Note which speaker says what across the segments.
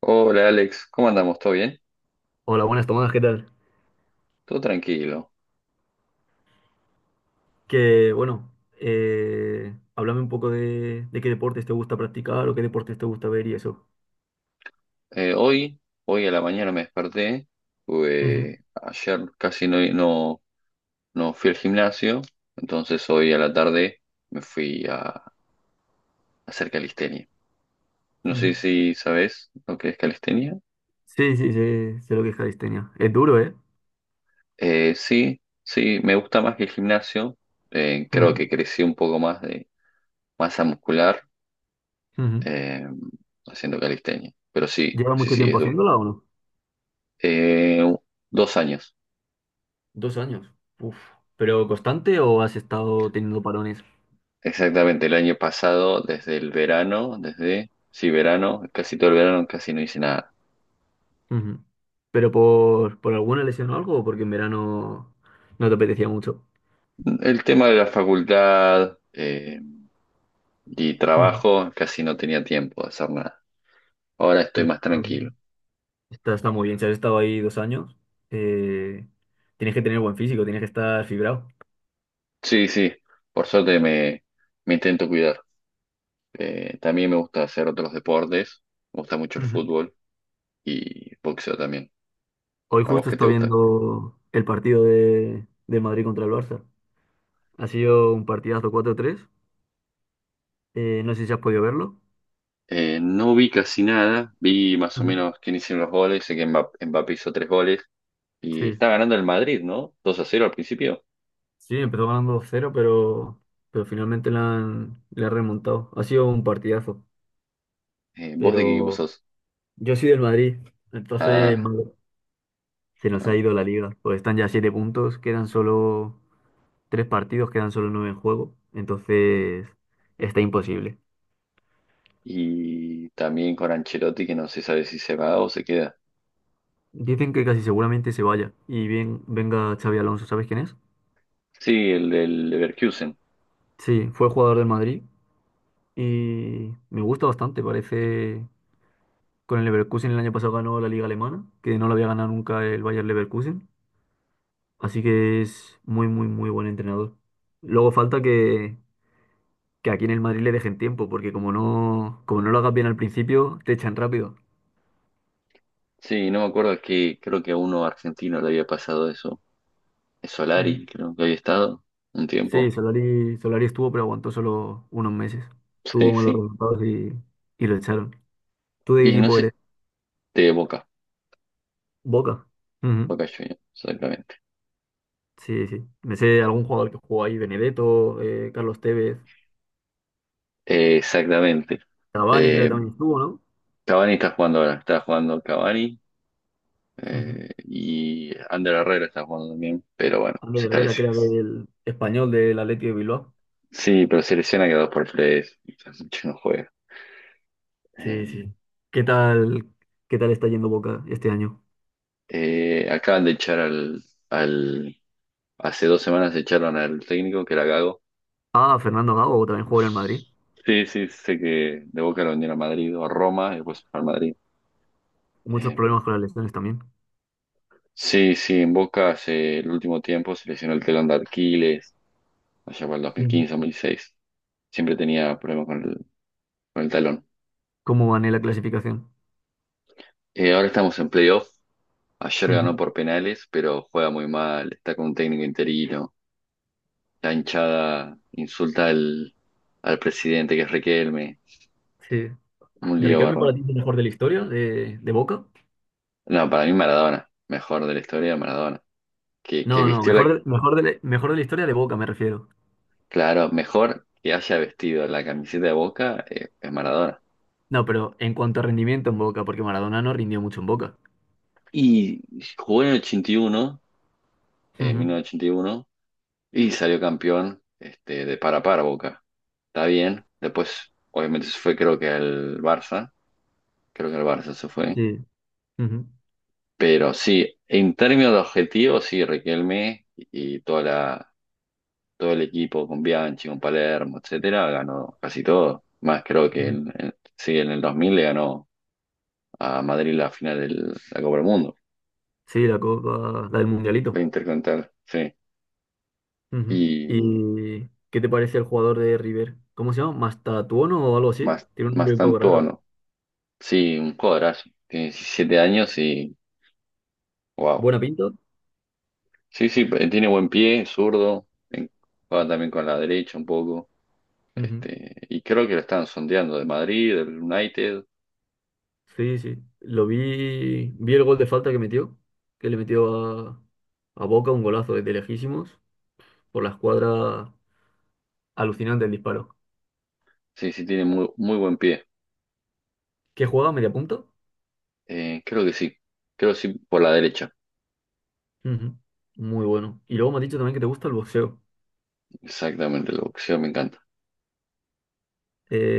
Speaker 1: Hola Alex, ¿cómo andamos? ¿Todo bien?
Speaker 2: Hola, buenas, Tomás, ¿qué tal?
Speaker 1: Todo tranquilo.
Speaker 2: Que bueno, háblame un poco de qué deportes te gusta practicar o qué deportes te gusta ver y eso.
Speaker 1: Hoy a la mañana me desperté,
Speaker 2: Ujú,
Speaker 1: ayer casi no fui al gimnasio, entonces hoy a la tarde me fui a hacer calistenia. No sé
Speaker 2: ujú.
Speaker 1: si sabes lo que es calistenia.
Speaker 2: Sí, sí, sé lo que es calistenia. Es duro, ¿eh?
Speaker 1: Sí, sí, me gusta más que el gimnasio. Creo
Speaker 2: Ujú,
Speaker 1: que crecí un poco más de masa muscular
Speaker 2: ujú.
Speaker 1: eh, haciendo calistenia, pero
Speaker 2: ¿Llevas mucho
Speaker 1: sí, es
Speaker 2: tiempo
Speaker 1: duro.
Speaker 2: haciéndola o no?
Speaker 1: Eh, Dos años.
Speaker 2: 2 años. Uf. ¿Pero constante o has estado teniendo parones?
Speaker 1: Exactamente, el año pasado, desde el verano, desde, sí, verano, casi todo el verano, casi no hice nada.
Speaker 2: Ujú. ¿Pero por alguna lesión o algo o porque en verano no te apetecía mucho?
Speaker 1: El tema de la facultad y
Speaker 2: Ujú.
Speaker 1: trabajo, casi no tenía tiempo de hacer nada. Ahora estoy
Speaker 2: Pero,
Speaker 1: más tranquilo.
Speaker 2: está muy bien. Si has estado ahí 2 años, eh, tienes que tener buen físico, tienes que estar fibrado.
Speaker 1: Sí, sí, por suerte me intento cuidar. También me gusta hacer otros deportes, me gusta mucho el
Speaker 2: Ujú.
Speaker 1: fútbol y boxeo también.
Speaker 2: Hoy
Speaker 1: ¿A vos
Speaker 2: justo
Speaker 1: qué te
Speaker 2: estoy
Speaker 1: gusta?
Speaker 2: viendo el partido de Madrid contra el Barça. Ha sido un partidazo 4-3. No sé si has podido verlo.
Speaker 1: No vi casi nada, vi más o
Speaker 2: Ujú.
Speaker 1: menos quién hicieron los goles, sé que Mbappé hizo tres goles. Y
Speaker 2: Sí.
Speaker 1: está ganando el Madrid, ¿no? Dos a cero al principio.
Speaker 2: Sí, empezó ganando 2-0, pero finalmente le han remontado. Ha sido un partidazo.
Speaker 1: ¿Vos de qué equipo
Speaker 2: Pero
Speaker 1: sos?
Speaker 2: yo soy del Madrid, entonces
Speaker 1: Ah,
Speaker 2: madre, se nos ha
Speaker 1: ah.
Speaker 2: ido la liga. Pues están ya siete puntos, quedan solo tres partidos, quedan solo nueve en juego, entonces está imposible.
Speaker 1: Y también con Ancelotti, que no se sabe si se va o se queda.
Speaker 2: Dicen que casi seguramente se vaya y bien venga Xavi Alonso, ¿sabes quién es?
Speaker 1: Sí, el del Leverkusen.
Speaker 2: Sí, fue jugador del Madrid y me gusta bastante, parece con el Leverkusen el año pasado ganó la liga alemana, que no la había ganado nunca el Bayer Leverkusen, así que es muy muy muy buen entrenador. Luego falta que aquí en el Madrid le dejen tiempo, porque como no lo hagas bien al principio, te echan rápido.
Speaker 1: Sí, no me acuerdo, que creo que a uno argentino le había pasado eso. Es
Speaker 2: Ujú.
Speaker 1: Solari, creo que había estado un
Speaker 2: Sí,
Speaker 1: tiempo.
Speaker 2: Solari estuvo, pero aguantó solo unos meses.
Speaker 1: Sí,
Speaker 2: Tuvo malos
Speaker 1: sí.
Speaker 2: resultados y lo echaron. ¿Tú de qué
Speaker 1: Y no
Speaker 2: equipo
Speaker 1: sé,
Speaker 2: eres?
Speaker 1: de Boca,
Speaker 2: Boca. Ujú.
Speaker 1: Boca Juniors, exactamente.
Speaker 2: Sí, sí. Me sé algún jugador que jugó ahí, Benedetto, Carlos Tevez,
Speaker 1: Exactamente.
Speaker 2: Cavani creo que
Speaker 1: Eh,
Speaker 2: también estuvo, ¿no?
Speaker 1: Cavani está jugando ahora, está jugando Cavani
Speaker 2: Ujú.
Speaker 1: Eh, y Ander Herrera está jugando también, pero bueno,
Speaker 2: Ander
Speaker 1: se está
Speaker 2: Herrera, que era del español del Athletic de Bilbao.
Speaker 1: Sí, pero se lesiona cada dos por Fres, mucho no juega.
Speaker 2: Sí,
Speaker 1: Eh,
Speaker 2: sí. ¿Qué tal, qué tal está yendo Boca este año?
Speaker 1: Acaban de echar al, al. Hace dos semanas echaron al técnico, que era Gago.
Speaker 2: Ah, Fernando Gago también jugó en el Madrid.
Speaker 1: Pues, sí, sí, sé que de Boca lo vendieron a Madrid o a Roma y después al Madrid.
Speaker 2: Muchos
Speaker 1: Eh,
Speaker 2: problemas con las lesiones también.
Speaker 1: sí, sí, en Boca hace el último tiempo se lesionó el telón de Aquiles, allá para el
Speaker 2: Ujú.
Speaker 1: 2015, 2016. Siempre tenía problemas con el talón.
Speaker 2: ¿Cómo van en la clasificación?
Speaker 1: Ahora estamos en playoff. Ayer ganó
Speaker 2: Ujú.
Speaker 1: por penales, pero juega muy mal, está con un técnico interino. La hinchada insulta al presidente, que es Riquelme.
Speaker 2: Sí.
Speaker 1: Un lío
Speaker 2: ¿Riquelme para
Speaker 1: bárbaro.
Speaker 2: ti es el mejor de la historia de Boca?
Speaker 1: No, para mí Maradona, mejor de la historia Maradona. Que
Speaker 2: No, no,
Speaker 1: vistió la,
Speaker 2: mejor de la historia de Boca me refiero.
Speaker 1: claro, mejor que haya vestido la camiseta de Boca es Maradona.
Speaker 2: No, pero en cuanto a rendimiento en Boca, porque Maradona no rindió mucho en Boca.
Speaker 1: Y jugó en el 81, en
Speaker 2: Ujú,
Speaker 1: 1981, y uno, y salió campeón este, de para a para Boca. Está bien. Después, obviamente, se fue creo que al Barça. Creo que al Barça se fue.
Speaker 2: sí, ujú,
Speaker 1: Pero sí, en términos de objetivos, sí, Riquelme y toda la, todo el equipo con Bianchi, con Palermo, etcétera, ganó casi todo. Más creo que
Speaker 2: ujú.
Speaker 1: sí, en el 2000 le ganó a Madrid la final de la Copa del Mundo,
Speaker 2: Sí, la Copa, la del
Speaker 1: la
Speaker 2: Mundialito.
Speaker 1: Intercontinental, sí.
Speaker 2: Ujú.
Speaker 1: Y
Speaker 2: ¿Y qué te parece el jugador de River? ¿Cómo se llama? ¿Mastatuono o algo así? Tiene un
Speaker 1: más
Speaker 2: nombre un poco
Speaker 1: tanto,
Speaker 2: raro.
Speaker 1: ¿no? Sí, un jugadorazo. Tiene 17 años y wow.
Speaker 2: ¿Buena pinta?
Speaker 1: Sí, sí, tiene buen pie, zurdo, juega también con la derecha un poco.
Speaker 2: Ujú.
Speaker 1: Este, y creo que lo están sondeando de Madrid, del United.
Speaker 2: Sí, sí. Lo vi el gol de falta que metió, que le metió a Boca un golazo desde lejísimos por la escuadra. Alucinante el disparo.
Speaker 1: Sí, sí, tiene muy, muy buen pie.
Speaker 2: ¿Qué juega? ¿Media punta?
Speaker 1: Creo que sí. Creo que sí, por la derecha.
Speaker 2: Ujú. Muy bueno. Y luego me has dicho también que te gusta el boxeo.
Speaker 1: Exactamente, el boxeo me encanta.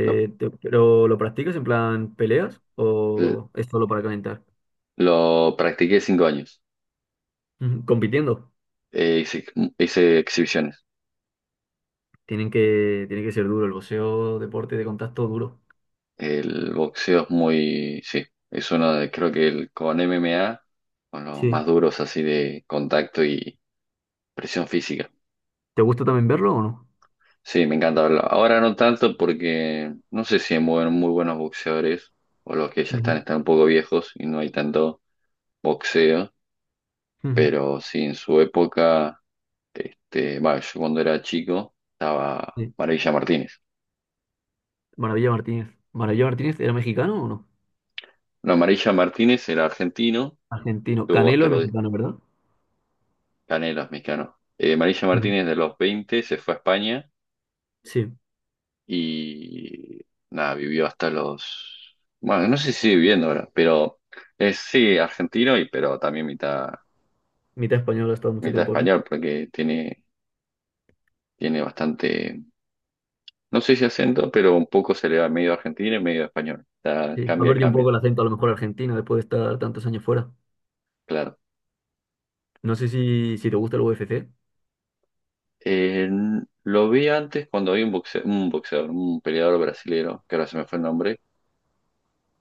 Speaker 1: Lo,
Speaker 2: te- ¿Pero lo practicas en plan peleas o es solo para calentar?
Speaker 1: lo practiqué cinco años.
Speaker 2: Ujú. Compitiendo.
Speaker 1: Eh, hice, Hice exhibiciones.
Speaker 2: Tiene que ser duro el boxeo, deporte de contacto duro.
Speaker 1: El boxeo es muy, sí, es uno de, creo que el, con MMA, con los
Speaker 2: Sí.
Speaker 1: más duros así de contacto y presión física.
Speaker 2: ¿Te gusta también verlo o no?
Speaker 1: Sí, me encanta verlo. Ahora no tanto porque no sé si hay muy, muy buenos boxeadores o los que ya están,
Speaker 2: Ujú.
Speaker 1: están un poco viejos y no hay tanto boxeo.
Speaker 2: Ujú.
Speaker 1: Pero sí, en su época, este, bueno, yo cuando era chico estaba
Speaker 2: Sí.
Speaker 1: Maravilla Martínez.
Speaker 2: Maravilla Martínez. ¿Maravilla Martínez era mexicano o no?
Speaker 1: No, Maravilla Martínez era argentino,
Speaker 2: Argentino.
Speaker 1: tuvo
Speaker 2: Canelo
Speaker 1: hasta
Speaker 2: es
Speaker 1: los
Speaker 2: mexicano, ¿verdad?
Speaker 1: canelos mexicanos. Maravilla
Speaker 2: Ujú.
Speaker 1: Martínez de los 20 se fue a España
Speaker 2: Sí.
Speaker 1: y nada, vivió hasta los... Bueno, no sé si sigue viviendo ahora, pero es sí argentino y pero también mitad,
Speaker 2: Mitad español, ha estado mucho
Speaker 1: mitad
Speaker 2: tiempo aquí.
Speaker 1: español porque tiene, tiene bastante, no sé si acento, pero un poco se le va medio argentino y medio español. O sea,
Speaker 2: Sí. Ha perdido un
Speaker 1: cambia,
Speaker 2: poco el acento a lo mejor argentino después de estar tantos años fuera.
Speaker 1: claro.
Speaker 2: No sé si te gusta el UFC.
Speaker 1: Eh, lo vi antes cuando vi un boxeador, un peleador brasilero que ahora se me fue el nombre,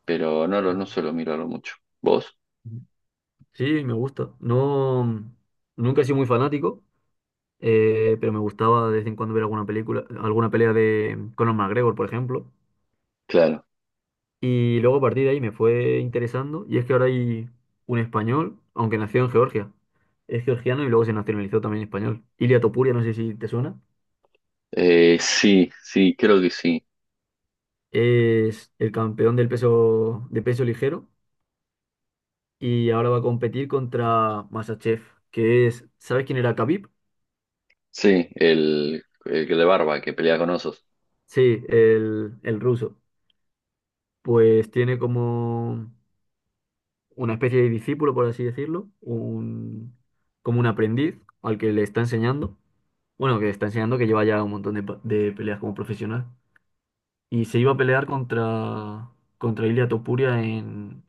Speaker 1: pero no, no suelo mirarlo mucho. ¿Vos?
Speaker 2: Sí, me gusta. No, nunca he sido muy fanático, pero me gustaba de vez en cuando ver alguna película, alguna pelea de Conor McGregor, por ejemplo.
Speaker 1: Claro.
Speaker 2: Y luego a partir de ahí me fue interesando. Y es que ahora hay un español, aunque nació en Georgia. Es georgiano y luego se nacionalizó también español. Ilia Topuria, no sé si te suena.
Speaker 1: Sí, sí, creo que sí.
Speaker 2: Es el campeón del peso, de peso ligero y ahora va a competir contra Masachev, que es, ¿sabes quién era Khabib?
Speaker 1: Sí, el que de barba, que pelea con osos.
Speaker 2: Sí, el ruso. Pues tiene como una especie de discípulo, por así decirlo, como un aprendiz al que le está enseñando, bueno, que le está enseñando que lleva ya un montón de peleas como profesional. Y se iba a pelear contra Ilia Topuria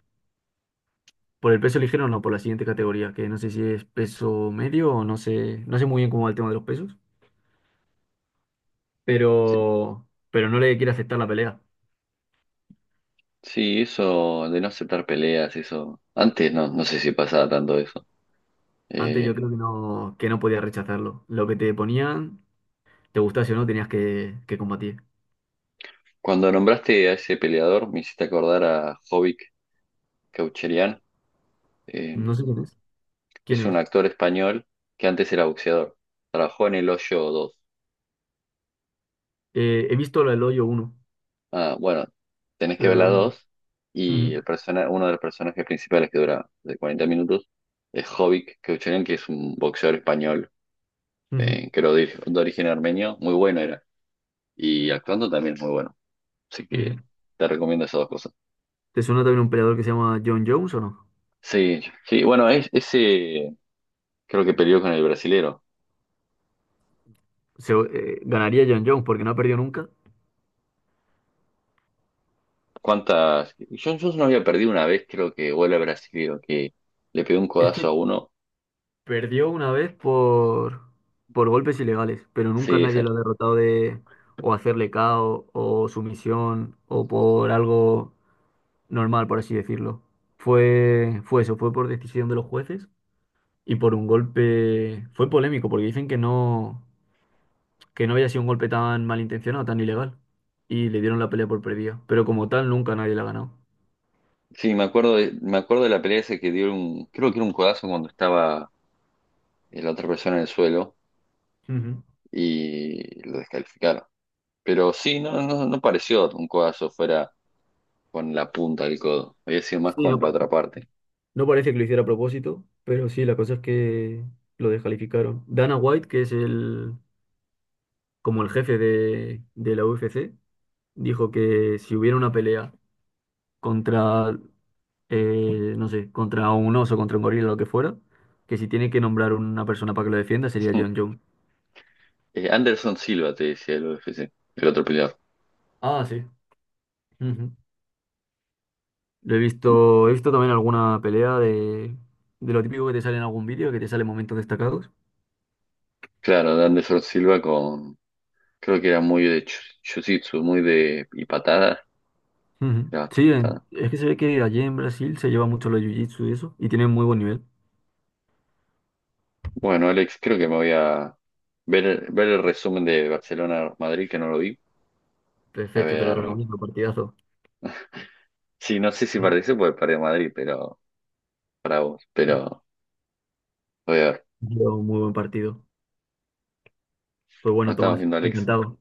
Speaker 2: por el peso ligero, no, por la siguiente categoría, que no sé si es peso medio o no sé, no sé muy bien cómo va el tema de los pesos,
Speaker 1: Sí.
Speaker 2: pero, pero no le quiere aceptar la pelea.
Speaker 1: Sí, eso de no aceptar peleas, eso. Antes no, no sé si pasaba tanto eso.
Speaker 2: Antes yo
Speaker 1: Eh,
Speaker 2: creo que no podía rechazarlo. Lo que te ponían. Te gusta si o no tenías que combatir.
Speaker 1: Cuando nombraste a ese peleador, me hiciste acordar a Jovic Kaucherian.
Speaker 2: No sé quién es. ¿Quién
Speaker 1: Es un
Speaker 2: es?
Speaker 1: actor español que antes era boxeador. Trabajó en El Hoyo 2.
Speaker 2: He visto la del hoyo uno,
Speaker 1: Ah, bueno, tenés que
Speaker 2: pero
Speaker 1: ver
Speaker 2: la
Speaker 1: la
Speaker 2: 2 no.
Speaker 1: 2 y
Speaker 2: Ujú,
Speaker 1: uno de los personajes principales que dura de 40 minutos es Jovic Keuchelen, que es un boxeador español
Speaker 2: ujú,
Speaker 1: que era de origen armenio. Muy bueno era. Y actuando también es muy bueno. Así
Speaker 2: ujú.
Speaker 1: que te recomiendo esas dos cosas.
Speaker 2: ¿Te suena también un peleador que se llama John Jones o no?
Speaker 1: Sí, sí, bueno, es, ese creo que peleó con el brasilero.
Speaker 2: Ganaría John Jones porque no ha perdido nunca.
Speaker 1: ¿Cuántas? Yo no había perdido una vez, creo que, o el brasilero, que le pegó un
Speaker 2: Es
Speaker 1: codazo a
Speaker 2: que
Speaker 1: uno.
Speaker 2: perdió una vez por golpes ilegales, pero nunca
Speaker 1: Sí,
Speaker 2: nadie
Speaker 1: esa.
Speaker 2: lo ha derrotado de o hacerle KO o sumisión o por algo normal, por así decirlo. Fue eso, fue por decisión de los jueces y por un golpe fue polémico porque dicen que no había sido un golpe tan malintencionado, tan ilegal y le dieron la pelea por perdida, pero como tal nunca nadie la ha ganado.
Speaker 1: Sí, me acuerdo de la pelea esa que dio un, creo que era un codazo cuando estaba la otra persona en el suelo
Speaker 2: Ujú.
Speaker 1: y lo descalificaron. Pero sí, no pareció un codazo fuera con la punta del codo. Había sido más
Speaker 2: Sí,
Speaker 1: con
Speaker 2: no,
Speaker 1: la otra parte.
Speaker 2: no parece que lo hiciera a propósito, pero sí, la cosa es que lo descalificaron. Dana White, que es el como el jefe de la UFC, dijo que si hubiera una pelea contra no sé, contra un oso, contra un gorila, lo que fuera, que si tiene que nombrar una persona para que lo defienda sería John Jones.
Speaker 1: Anderson Silva te decía el UFC, el otro peleador.
Speaker 2: Ah, sí. Ujú. He visto también alguna pelea de lo típico que te sale en algún vídeo, que te salen momentos destacados.
Speaker 1: Claro, de Anderson Silva con, creo que era muy de jiu-jitsu, muy de, y patadas.
Speaker 2: Ujú.
Speaker 1: Era
Speaker 2: Sí,
Speaker 1: patada.
Speaker 2: es que se ve que allí en Brasil se lleva mucho los jiu-jitsu y eso, y tienen muy buen nivel.
Speaker 1: Bueno, Alex, creo que me voy a ver el resumen de Barcelona-Madrid, que no lo vi. A
Speaker 2: Perfecto, te lo
Speaker 1: ver.
Speaker 2: recomiendo, partidazo.
Speaker 1: Sí, no sé si participo porque perdí Madrid, pero para vos. Pero voy a ver.
Speaker 2: Lleva un muy buen partido. Pues
Speaker 1: No
Speaker 2: bueno,
Speaker 1: estamos
Speaker 2: Tomás,
Speaker 1: viendo, a Alex.
Speaker 2: encantado.